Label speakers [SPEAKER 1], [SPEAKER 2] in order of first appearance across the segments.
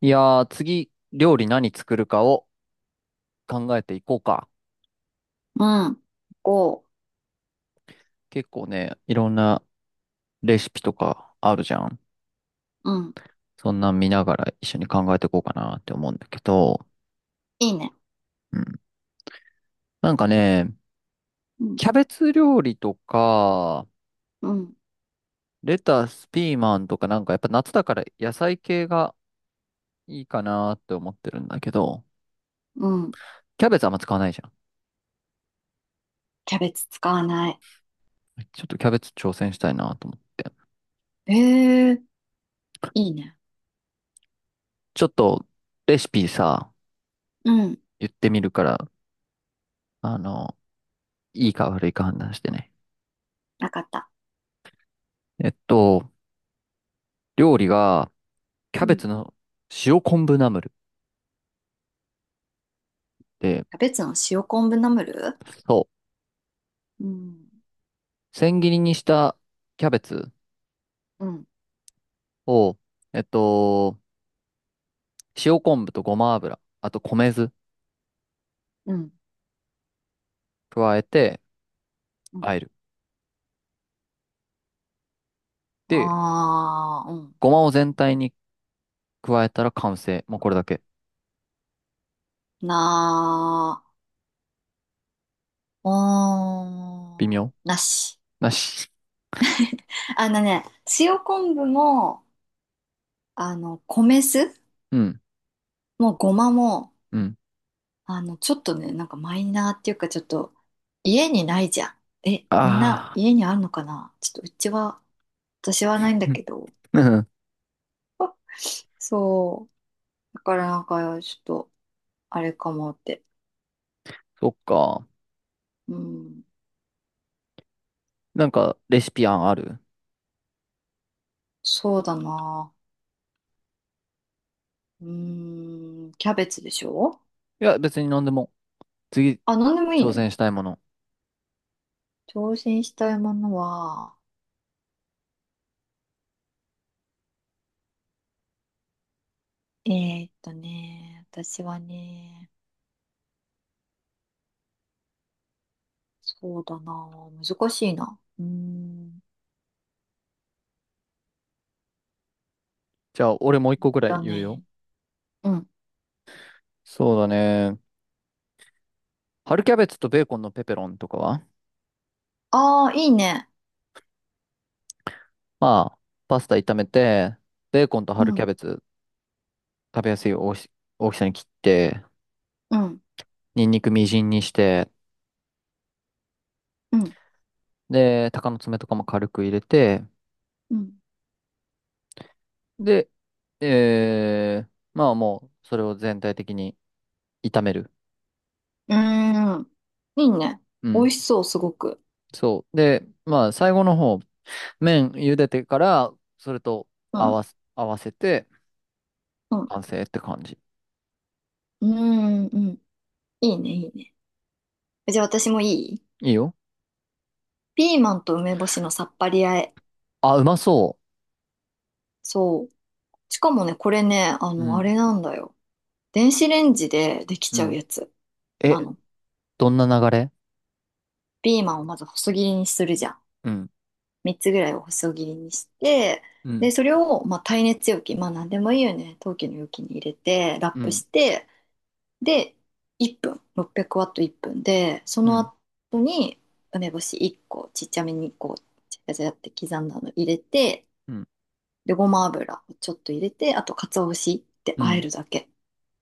[SPEAKER 1] いやー、次、料理何作るかを考えていこうか。
[SPEAKER 2] うん、5。
[SPEAKER 1] 結構ね、いろんなレシピとかあるじゃん。
[SPEAKER 2] うん、
[SPEAKER 1] そんなん見ながら一緒に考えていこうかなって思うんだけど、
[SPEAKER 2] いいね。
[SPEAKER 1] うん。なんかね、
[SPEAKER 2] うん、
[SPEAKER 1] キャベツ料理とか、
[SPEAKER 2] うん、
[SPEAKER 1] レタス、ピーマンとかなんかやっぱ夏だから野菜系がいいかなって思ってるんだけど、
[SPEAKER 2] うん。
[SPEAKER 1] キャベツあんま使わないじゃん。
[SPEAKER 2] キャベツ使わない。
[SPEAKER 1] ちょっとキャベツ挑戦したいなと思って。
[SPEAKER 2] ええ、いいね。
[SPEAKER 1] ちょっとレシピさ、
[SPEAKER 2] うん、
[SPEAKER 1] 言ってみるから、あの、いいか悪いか判断してね。
[SPEAKER 2] なかった。
[SPEAKER 1] えっと、料理が、キャ
[SPEAKER 2] う
[SPEAKER 1] ベ
[SPEAKER 2] ん。
[SPEAKER 1] ツの塩昆布ナムルで、
[SPEAKER 2] キャベツの塩昆布ナムル。
[SPEAKER 1] そ
[SPEAKER 2] うん、
[SPEAKER 1] う、千切りにしたキャベツ
[SPEAKER 2] うん、
[SPEAKER 1] を、えっと、塩昆布とごま油、あと米酢
[SPEAKER 2] うん、
[SPEAKER 1] 加えて、
[SPEAKER 2] うん。
[SPEAKER 1] 和える。で、
[SPEAKER 2] あー、うん。
[SPEAKER 1] ごまを全体に加えたら完成。もうこれだけ。
[SPEAKER 2] なー、
[SPEAKER 1] 微
[SPEAKER 2] おー
[SPEAKER 1] 妙
[SPEAKER 2] ん、なし。
[SPEAKER 1] なし。
[SPEAKER 2] あのね、塩昆布も、米酢
[SPEAKER 1] うん、
[SPEAKER 2] もごまも、
[SPEAKER 1] うん。
[SPEAKER 2] ちょっとね、なんかマイナーっていうか、ちょっと、家にないじゃん。え、みんな
[SPEAKER 1] あ
[SPEAKER 2] 家にあるのかな。ちょっとうちは、私はないんだけど。
[SPEAKER 1] あ。
[SPEAKER 2] そう。だからなんか、ちょっと、あれかもって。
[SPEAKER 1] そっか。
[SPEAKER 2] うん。
[SPEAKER 1] なんか、レシピ案ある？
[SPEAKER 2] そうだな。うーん。キャベツでしょ？
[SPEAKER 1] いや、別に何でも。次、
[SPEAKER 2] あ、なんでもいい
[SPEAKER 1] 挑
[SPEAKER 2] の？
[SPEAKER 1] 戦したいもの。
[SPEAKER 2] 挑戦したいものは、え私はね、そうだな。難しいな。うーん。
[SPEAKER 1] じゃあ、俺もう一個ぐらい
[SPEAKER 2] だ
[SPEAKER 1] 言うよ。
[SPEAKER 2] ね。うん。
[SPEAKER 1] そうだね。春キャベツとベーコンのペペロンとかは、
[SPEAKER 2] ああ、いいね。
[SPEAKER 1] まあ、パスタ炒めて、ベーコンと
[SPEAKER 2] う
[SPEAKER 1] 春キャ
[SPEAKER 2] ん。
[SPEAKER 1] ベツ食べやすい大きさに切って、
[SPEAKER 2] うん
[SPEAKER 1] ニンニクみじんにして、
[SPEAKER 2] うん。
[SPEAKER 1] で、鷹の爪とかも軽く入れて、
[SPEAKER 2] うん。
[SPEAKER 1] で、えー、まあもう、それを全体的に炒める。
[SPEAKER 2] うーん。いいね。
[SPEAKER 1] う
[SPEAKER 2] 美
[SPEAKER 1] ん。
[SPEAKER 2] 味しそう、すごく。
[SPEAKER 1] そう。で、まあ、最後の方、麺茹でてから、それと
[SPEAKER 2] うん。
[SPEAKER 1] 合わせて、
[SPEAKER 2] うん。
[SPEAKER 1] 完成って感じ。
[SPEAKER 2] うーん。うん。いいね、いいね。じゃあ私もいい？
[SPEAKER 1] いいよ。
[SPEAKER 2] ピーマンと梅干しのさっぱり和え。
[SPEAKER 1] あ、うまそ
[SPEAKER 2] そう。しかもね、これね、
[SPEAKER 1] う。う
[SPEAKER 2] あ
[SPEAKER 1] ん。
[SPEAKER 2] れなんだよ。電子レンジででき
[SPEAKER 1] う
[SPEAKER 2] ちゃう
[SPEAKER 1] ん。
[SPEAKER 2] やつ
[SPEAKER 1] え、
[SPEAKER 2] なの。
[SPEAKER 1] どんな流れ？
[SPEAKER 2] ピーマンをまず細切りにするじゃん。
[SPEAKER 1] うん。
[SPEAKER 2] 3つぐらいを細切りにして、
[SPEAKER 1] う
[SPEAKER 2] で、
[SPEAKER 1] ん
[SPEAKER 2] それを、まあ、耐熱容器、まあ、なんでもいいよね。陶器の容器に入れて、ラッ
[SPEAKER 1] う
[SPEAKER 2] プ
[SPEAKER 1] ん、
[SPEAKER 2] して、で、1分、600ワット1分で、そ
[SPEAKER 1] う
[SPEAKER 2] の
[SPEAKER 1] ん、
[SPEAKER 2] 後に梅干し1個、ちっちゃめにこう、ちゃちゃちゃって刻んだの入れて、
[SPEAKER 1] うん、
[SPEAKER 2] で、ごま油をちょっと入れて、あと、鰹節って
[SPEAKER 1] う
[SPEAKER 2] 和え
[SPEAKER 1] ん。
[SPEAKER 2] るだけ。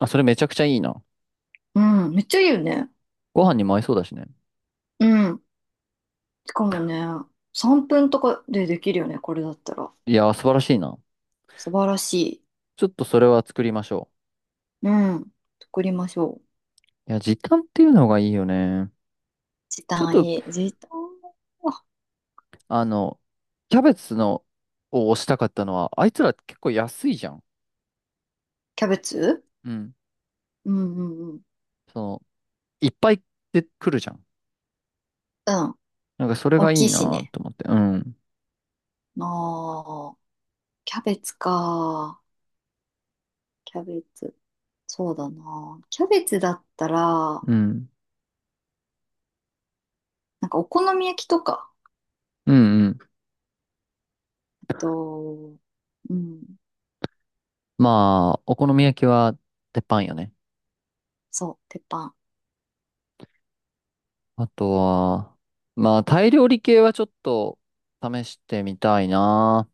[SPEAKER 1] あ、それめちゃくちゃいいな。
[SPEAKER 2] うん、めっちゃいいよね。
[SPEAKER 1] ご飯にも合いそうだしね。
[SPEAKER 2] うん。しかもね、3分とかでできるよね、これだったら。
[SPEAKER 1] いやー、素晴らしいな。
[SPEAKER 2] 素晴らしい。
[SPEAKER 1] ちょっとそれは作りましょ
[SPEAKER 2] うん。作りましょう。
[SPEAKER 1] う。いや、時短っていうのがいいよね。
[SPEAKER 2] 時
[SPEAKER 1] ちょっ
[SPEAKER 2] 短
[SPEAKER 1] と、
[SPEAKER 2] いい。時短は。あ、
[SPEAKER 1] あの、キャベツの、を推したかったのは、あいつら結構安いじゃん。
[SPEAKER 2] キャベツ。
[SPEAKER 1] うん。
[SPEAKER 2] うんうんうん。
[SPEAKER 1] その、いっぱいで来るじゃん。
[SPEAKER 2] うん。
[SPEAKER 1] なんかそれ
[SPEAKER 2] 大
[SPEAKER 1] がい
[SPEAKER 2] き
[SPEAKER 1] い
[SPEAKER 2] いし
[SPEAKER 1] な
[SPEAKER 2] ね。
[SPEAKER 1] と思って。うん。
[SPEAKER 2] ああ。キャベツか。キャベツ。そうだな。キャベツだったら、
[SPEAKER 1] うん。
[SPEAKER 2] なんかお好み焼きとか。
[SPEAKER 1] うんうん。
[SPEAKER 2] えっと、うん。
[SPEAKER 1] まあ、お好み焼きは鉄板よね。
[SPEAKER 2] そう、鉄板。
[SPEAKER 1] あとは、まあ、タイ料理系はちょっと試してみたいな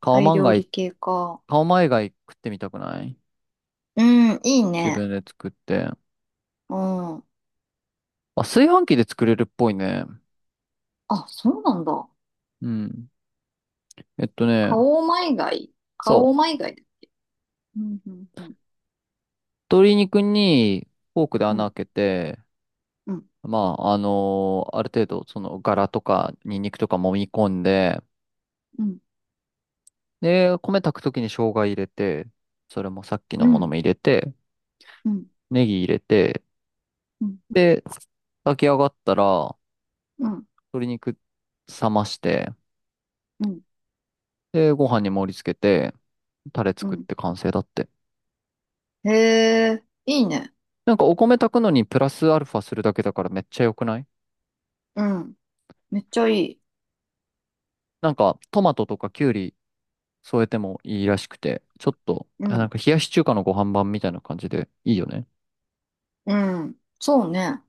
[SPEAKER 1] カオ
[SPEAKER 2] タイ
[SPEAKER 1] マン
[SPEAKER 2] 料
[SPEAKER 1] ガ
[SPEAKER 2] 理
[SPEAKER 1] イ、
[SPEAKER 2] 系か。
[SPEAKER 1] カオマイガイ食ってみたくない？
[SPEAKER 2] うん、いい
[SPEAKER 1] 自
[SPEAKER 2] ね。
[SPEAKER 1] 分で作って。
[SPEAKER 2] うん。
[SPEAKER 1] あ、炊飯器で作れるっぽいね。
[SPEAKER 2] あ、そうなんだ。
[SPEAKER 1] うん。えっとね、
[SPEAKER 2] カオマイガイ。カ
[SPEAKER 1] そ
[SPEAKER 2] オマ
[SPEAKER 1] う。
[SPEAKER 2] イガイだ。うん、うん、うん。
[SPEAKER 1] 鶏肉にフォークで
[SPEAKER 2] う
[SPEAKER 1] 穴
[SPEAKER 2] ん、
[SPEAKER 1] 開けて、
[SPEAKER 2] うん、
[SPEAKER 1] まあ、ある程度、その、ガラとか、ニンニクとか揉み込んで、
[SPEAKER 2] うん、
[SPEAKER 1] で、米炊くときに生姜入れて、それもさっきの
[SPEAKER 2] う
[SPEAKER 1] もの
[SPEAKER 2] ん、
[SPEAKER 1] も入れて、
[SPEAKER 2] うん、
[SPEAKER 1] ネギ入れて、
[SPEAKER 2] うん、
[SPEAKER 1] で、炊き上がったら、
[SPEAKER 2] うん、
[SPEAKER 1] 鶏肉冷まして、
[SPEAKER 2] うん。
[SPEAKER 1] で、ご飯に盛り付けて、タレ
[SPEAKER 2] う
[SPEAKER 1] 作っ
[SPEAKER 2] ん。
[SPEAKER 1] て完成だって。
[SPEAKER 2] へえ、いいね。
[SPEAKER 1] なんかお米炊くのにプラスアルファするだけだからめっちゃ良くない？
[SPEAKER 2] うん。めっちゃいい。
[SPEAKER 1] なんかトマトとかキュウリ添えてもいいらしくて、ちょっと、
[SPEAKER 2] う
[SPEAKER 1] あなん
[SPEAKER 2] ん、
[SPEAKER 1] か冷やし中華のご飯版みたいな感じでいいよね。
[SPEAKER 2] うん。そうね。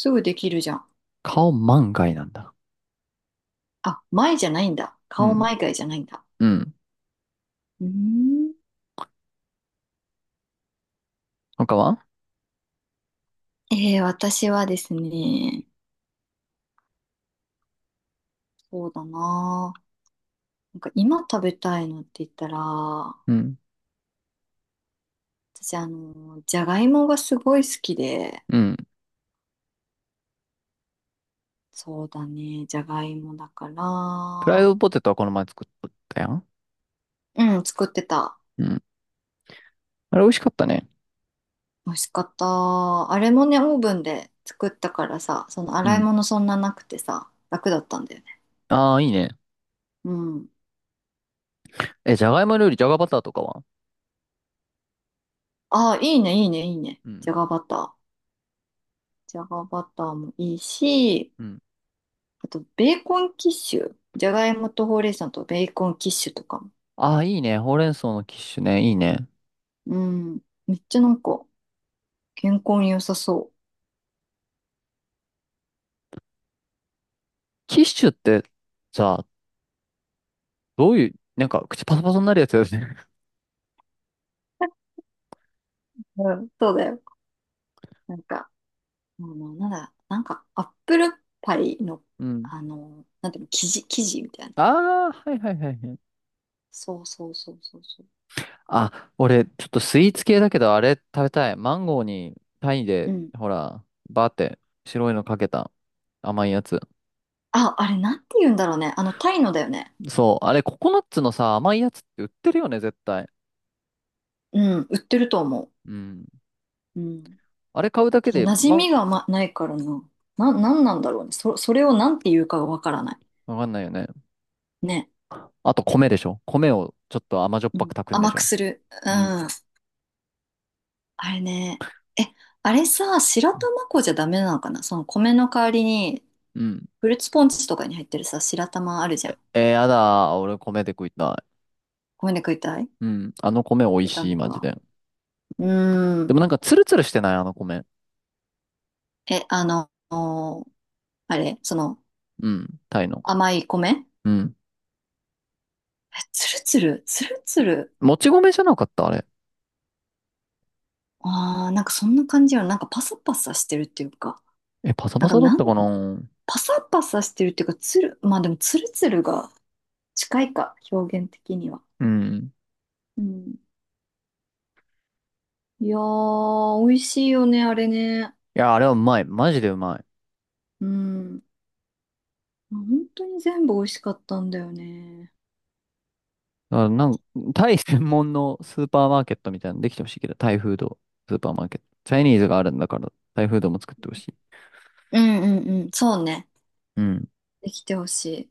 [SPEAKER 2] すぐできるじゃん。
[SPEAKER 1] 顔万が一なんだ。
[SPEAKER 2] あ、前じゃないんだ。
[SPEAKER 1] う
[SPEAKER 2] 顔
[SPEAKER 1] ん。
[SPEAKER 2] 前外じゃないんだ。
[SPEAKER 1] うん。
[SPEAKER 2] うーん。
[SPEAKER 1] 他は？
[SPEAKER 2] 私はですね、そうだなあ。なんか今食べたいのって言ったら、私、
[SPEAKER 1] うん。
[SPEAKER 2] じゃがいもがすごい好きで、
[SPEAKER 1] うん。
[SPEAKER 2] そうだね、じゃがいもだか
[SPEAKER 1] フライ
[SPEAKER 2] ら、
[SPEAKER 1] ドポテトはこの前作ったやん。
[SPEAKER 2] うん、作ってた。
[SPEAKER 1] うん。あれ美味しかったね。
[SPEAKER 2] 美味しかった。あれもね、オーブンで作ったからさ、その
[SPEAKER 1] う
[SPEAKER 2] 洗い
[SPEAKER 1] ん。
[SPEAKER 2] 物そんななくてさ、楽だったんだよね。
[SPEAKER 1] ああ、いいね。
[SPEAKER 2] うん。
[SPEAKER 1] え、じゃがいも料理、じゃがバターとかは？
[SPEAKER 2] ああ、いいね、いいね、いいね。
[SPEAKER 1] うん。
[SPEAKER 2] じゃがバター。じゃがバターもいいし、
[SPEAKER 1] うん。
[SPEAKER 2] あと、ベーコンキッシュ。じゃがいもとほうれい草とベーコンキッシュとかも。
[SPEAKER 1] ああ、いいね。ほうれん草のキッシュね。いいね。
[SPEAKER 2] うん。めっちゃなんか、健康に良さそ
[SPEAKER 1] キッシュってさ、どういう、なんか口パサパサになるやつだよね。
[SPEAKER 2] う。うん、そうだよ。なんか、なんだ、なんか、アップルパイの、
[SPEAKER 1] うん。
[SPEAKER 2] なんていうの、生地みたいな。
[SPEAKER 1] ああ、はいはいはいはい。
[SPEAKER 2] そうそうそうそうそ
[SPEAKER 1] あ、俺、ちょっとスイーツ系だけど、あれ食べたい。マンゴーに、タイ
[SPEAKER 2] う。
[SPEAKER 1] で、
[SPEAKER 2] うん。
[SPEAKER 1] ほら、バーって白いのかけた甘いやつ。
[SPEAKER 2] あ、あれ、なんて言うんだろうね。タイのだよね。
[SPEAKER 1] そう、あれ、ココナッツのさ、甘いやつって売ってるよね、絶対。
[SPEAKER 2] うん、売ってると思
[SPEAKER 1] うん。
[SPEAKER 2] う。うん。
[SPEAKER 1] あれ買うだけ
[SPEAKER 2] ただ、
[SPEAKER 1] で、
[SPEAKER 2] 馴染みが、ま、ないからな。なんなんだろうね。それをなんて言うかがわからない。
[SPEAKER 1] わかんないよね。
[SPEAKER 2] ね。
[SPEAKER 1] あと、米でしょ。米をちょっと甘じょっ
[SPEAKER 2] う
[SPEAKER 1] ぱく
[SPEAKER 2] ん、
[SPEAKER 1] 炊くんで
[SPEAKER 2] 甘
[SPEAKER 1] し
[SPEAKER 2] く
[SPEAKER 1] ょ。
[SPEAKER 2] する。う
[SPEAKER 1] うん。
[SPEAKER 2] ん。あれね。え、あれさ、白玉粉じゃダメなのかな、その米の代わりに。
[SPEAKER 1] うん。
[SPEAKER 2] フルーツポンチとかに入ってるさ、白玉あるじゃん。
[SPEAKER 1] えー、やだー。俺、米で食いたい。
[SPEAKER 2] 米で食いたい？
[SPEAKER 1] うん。あの米美味
[SPEAKER 2] ダ
[SPEAKER 1] しい、
[SPEAKER 2] メ
[SPEAKER 1] マジ
[SPEAKER 2] か。
[SPEAKER 1] で。
[SPEAKER 2] うー
[SPEAKER 1] でも
[SPEAKER 2] ん。
[SPEAKER 1] なんかツルツルしてないあの米。
[SPEAKER 2] え、あの、あれ、その、
[SPEAKER 1] うん。タイの。
[SPEAKER 2] 甘い米。
[SPEAKER 1] うん。
[SPEAKER 2] え、つるつる、つるつる。
[SPEAKER 1] もち米じゃなかったあれ。
[SPEAKER 2] ああ、なんかそんな感じよ。なんかパサパサしてるっていうか。
[SPEAKER 1] え、パサ
[SPEAKER 2] な
[SPEAKER 1] パ
[SPEAKER 2] んか
[SPEAKER 1] サだっ
[SPEAKER 2] な
[SPEAKER 1] た
[SPEAKER 2] ん、
[SPEAKER 1] かな？
[SPEAKER 2] パサパサしてるっていうか、まあでもつるつるが近いか、表現的には。
[SPEAKER 1] うん。
[SPEAKER 2] うん。いやー、美味しいよね、あれね。
[SPEAKER 1] いや、あれはうまい。マジでうまい。
[SPEAKER 2] うん。本当に全部美味しかったんだよね。
[SPEAKER 1] だからなんか、タイ専門のスーパーマーケットみたいなのできてほしいけど、タイフード、スーパーマーケット。チャイニーズがあるんだから、タイフードも作ってほしい。
[SPEAKER 2] うんうんうんうん、そうね。
[SPEAKER 1] うん。
[SPEAKER 2] できてほしい。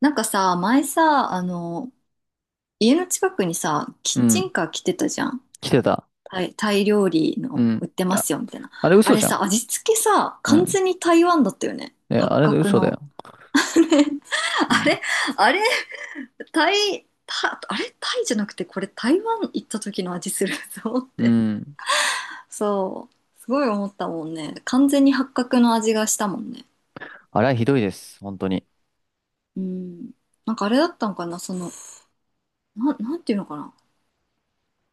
[SPEAKER 2] なんかさ、前さ、家の近くにさ、キ
[SPEAKER 1] う
[SPEAKER 2] ッチ
[SPEAKER 1] ん。
[SPEAKER 2] ンカー来てたじゃん。
[SPEAKER 1] 来てた。
[SPEAKER 2] タイ料理
[SPEAKER 1] う
[SPEAKER 2] の
[SPEAKER 1] ん。
[SPEAKER 2] 売ってま
[SPEAKER 1] あ、
[SPEAKER 2] すよ、みたいな。
[SPEAKER 1] あれ
[SPEAKER 2] あ
[SPEAKER 1] 嘘
[SPEAKER 2] れ
[SPEAKER 1] じゃん。
[SPEAKER 2] さ、味付けさ、
[SPEAKER 1] う
[SPEAKER 2] 完
[SPEAKER 1] ん。
[SPEAKER 2] 全に台湾だったよね。
[SPEAKER 1] え、
[SPEAKER 2] 八
[SPEAKER 1] あれで
[SPEAKER 2] 角
[SPEAKER 1] 嘘だ
[SPEAKER 2] の。
[SPEAKER 1] よ。う
[SPEAKER 2] あ
[SPEAKER 1] ん。
[SPEAKER 2] れ、あれ、タイ、タ、あれ、タイじゃなくて、これ台湾行った時の味するぞっ
[SPEAKER 1] う
[SPEAKER 2] て。
[SPEAKER 1] ん。
[SPEAKER 2] そう。すごい思ったもんね。完全に八角の味がしたもんね。
[SPEAKER 1] あれはひどいです。本当に。
[SPEAKER 2] うん。なんかあれだったのかな、なんていうのかな。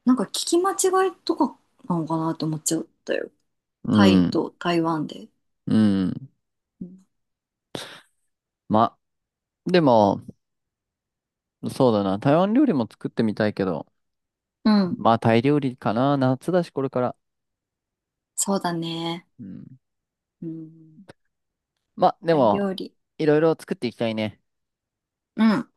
[SPEAKER 2] なんか聞き間違いとかなのかなって思っちゃったよ。
[SPEAKER 1] う
[SPEAKER 2] タイ
[SPEAKER 1] ん。
[SPEAKER 2] と台湾で。
[SPEAKER 1] うん。
[SPEAKER 2] うん。
[SPEAKER 1] ま、でも、そうだな。台湾料理も作ってみたいけど、
[SPEAKER 2] うん。
[SPEAKER 1] まあタイ料理かな。夏だし、これから。
[SPEAKER 2] そうだね。
[SPEAKER 1] うん。
[SPEAKER 2] うん。
[SPEAKER 1] まあ、で
[SPEAKER 2] タイ
[SPEAKER 1] も、
[SPEAKER 2] 料理。
[SPEAKER 1] いろいろ作っていきたいね。
[SPEAKER 2] うん。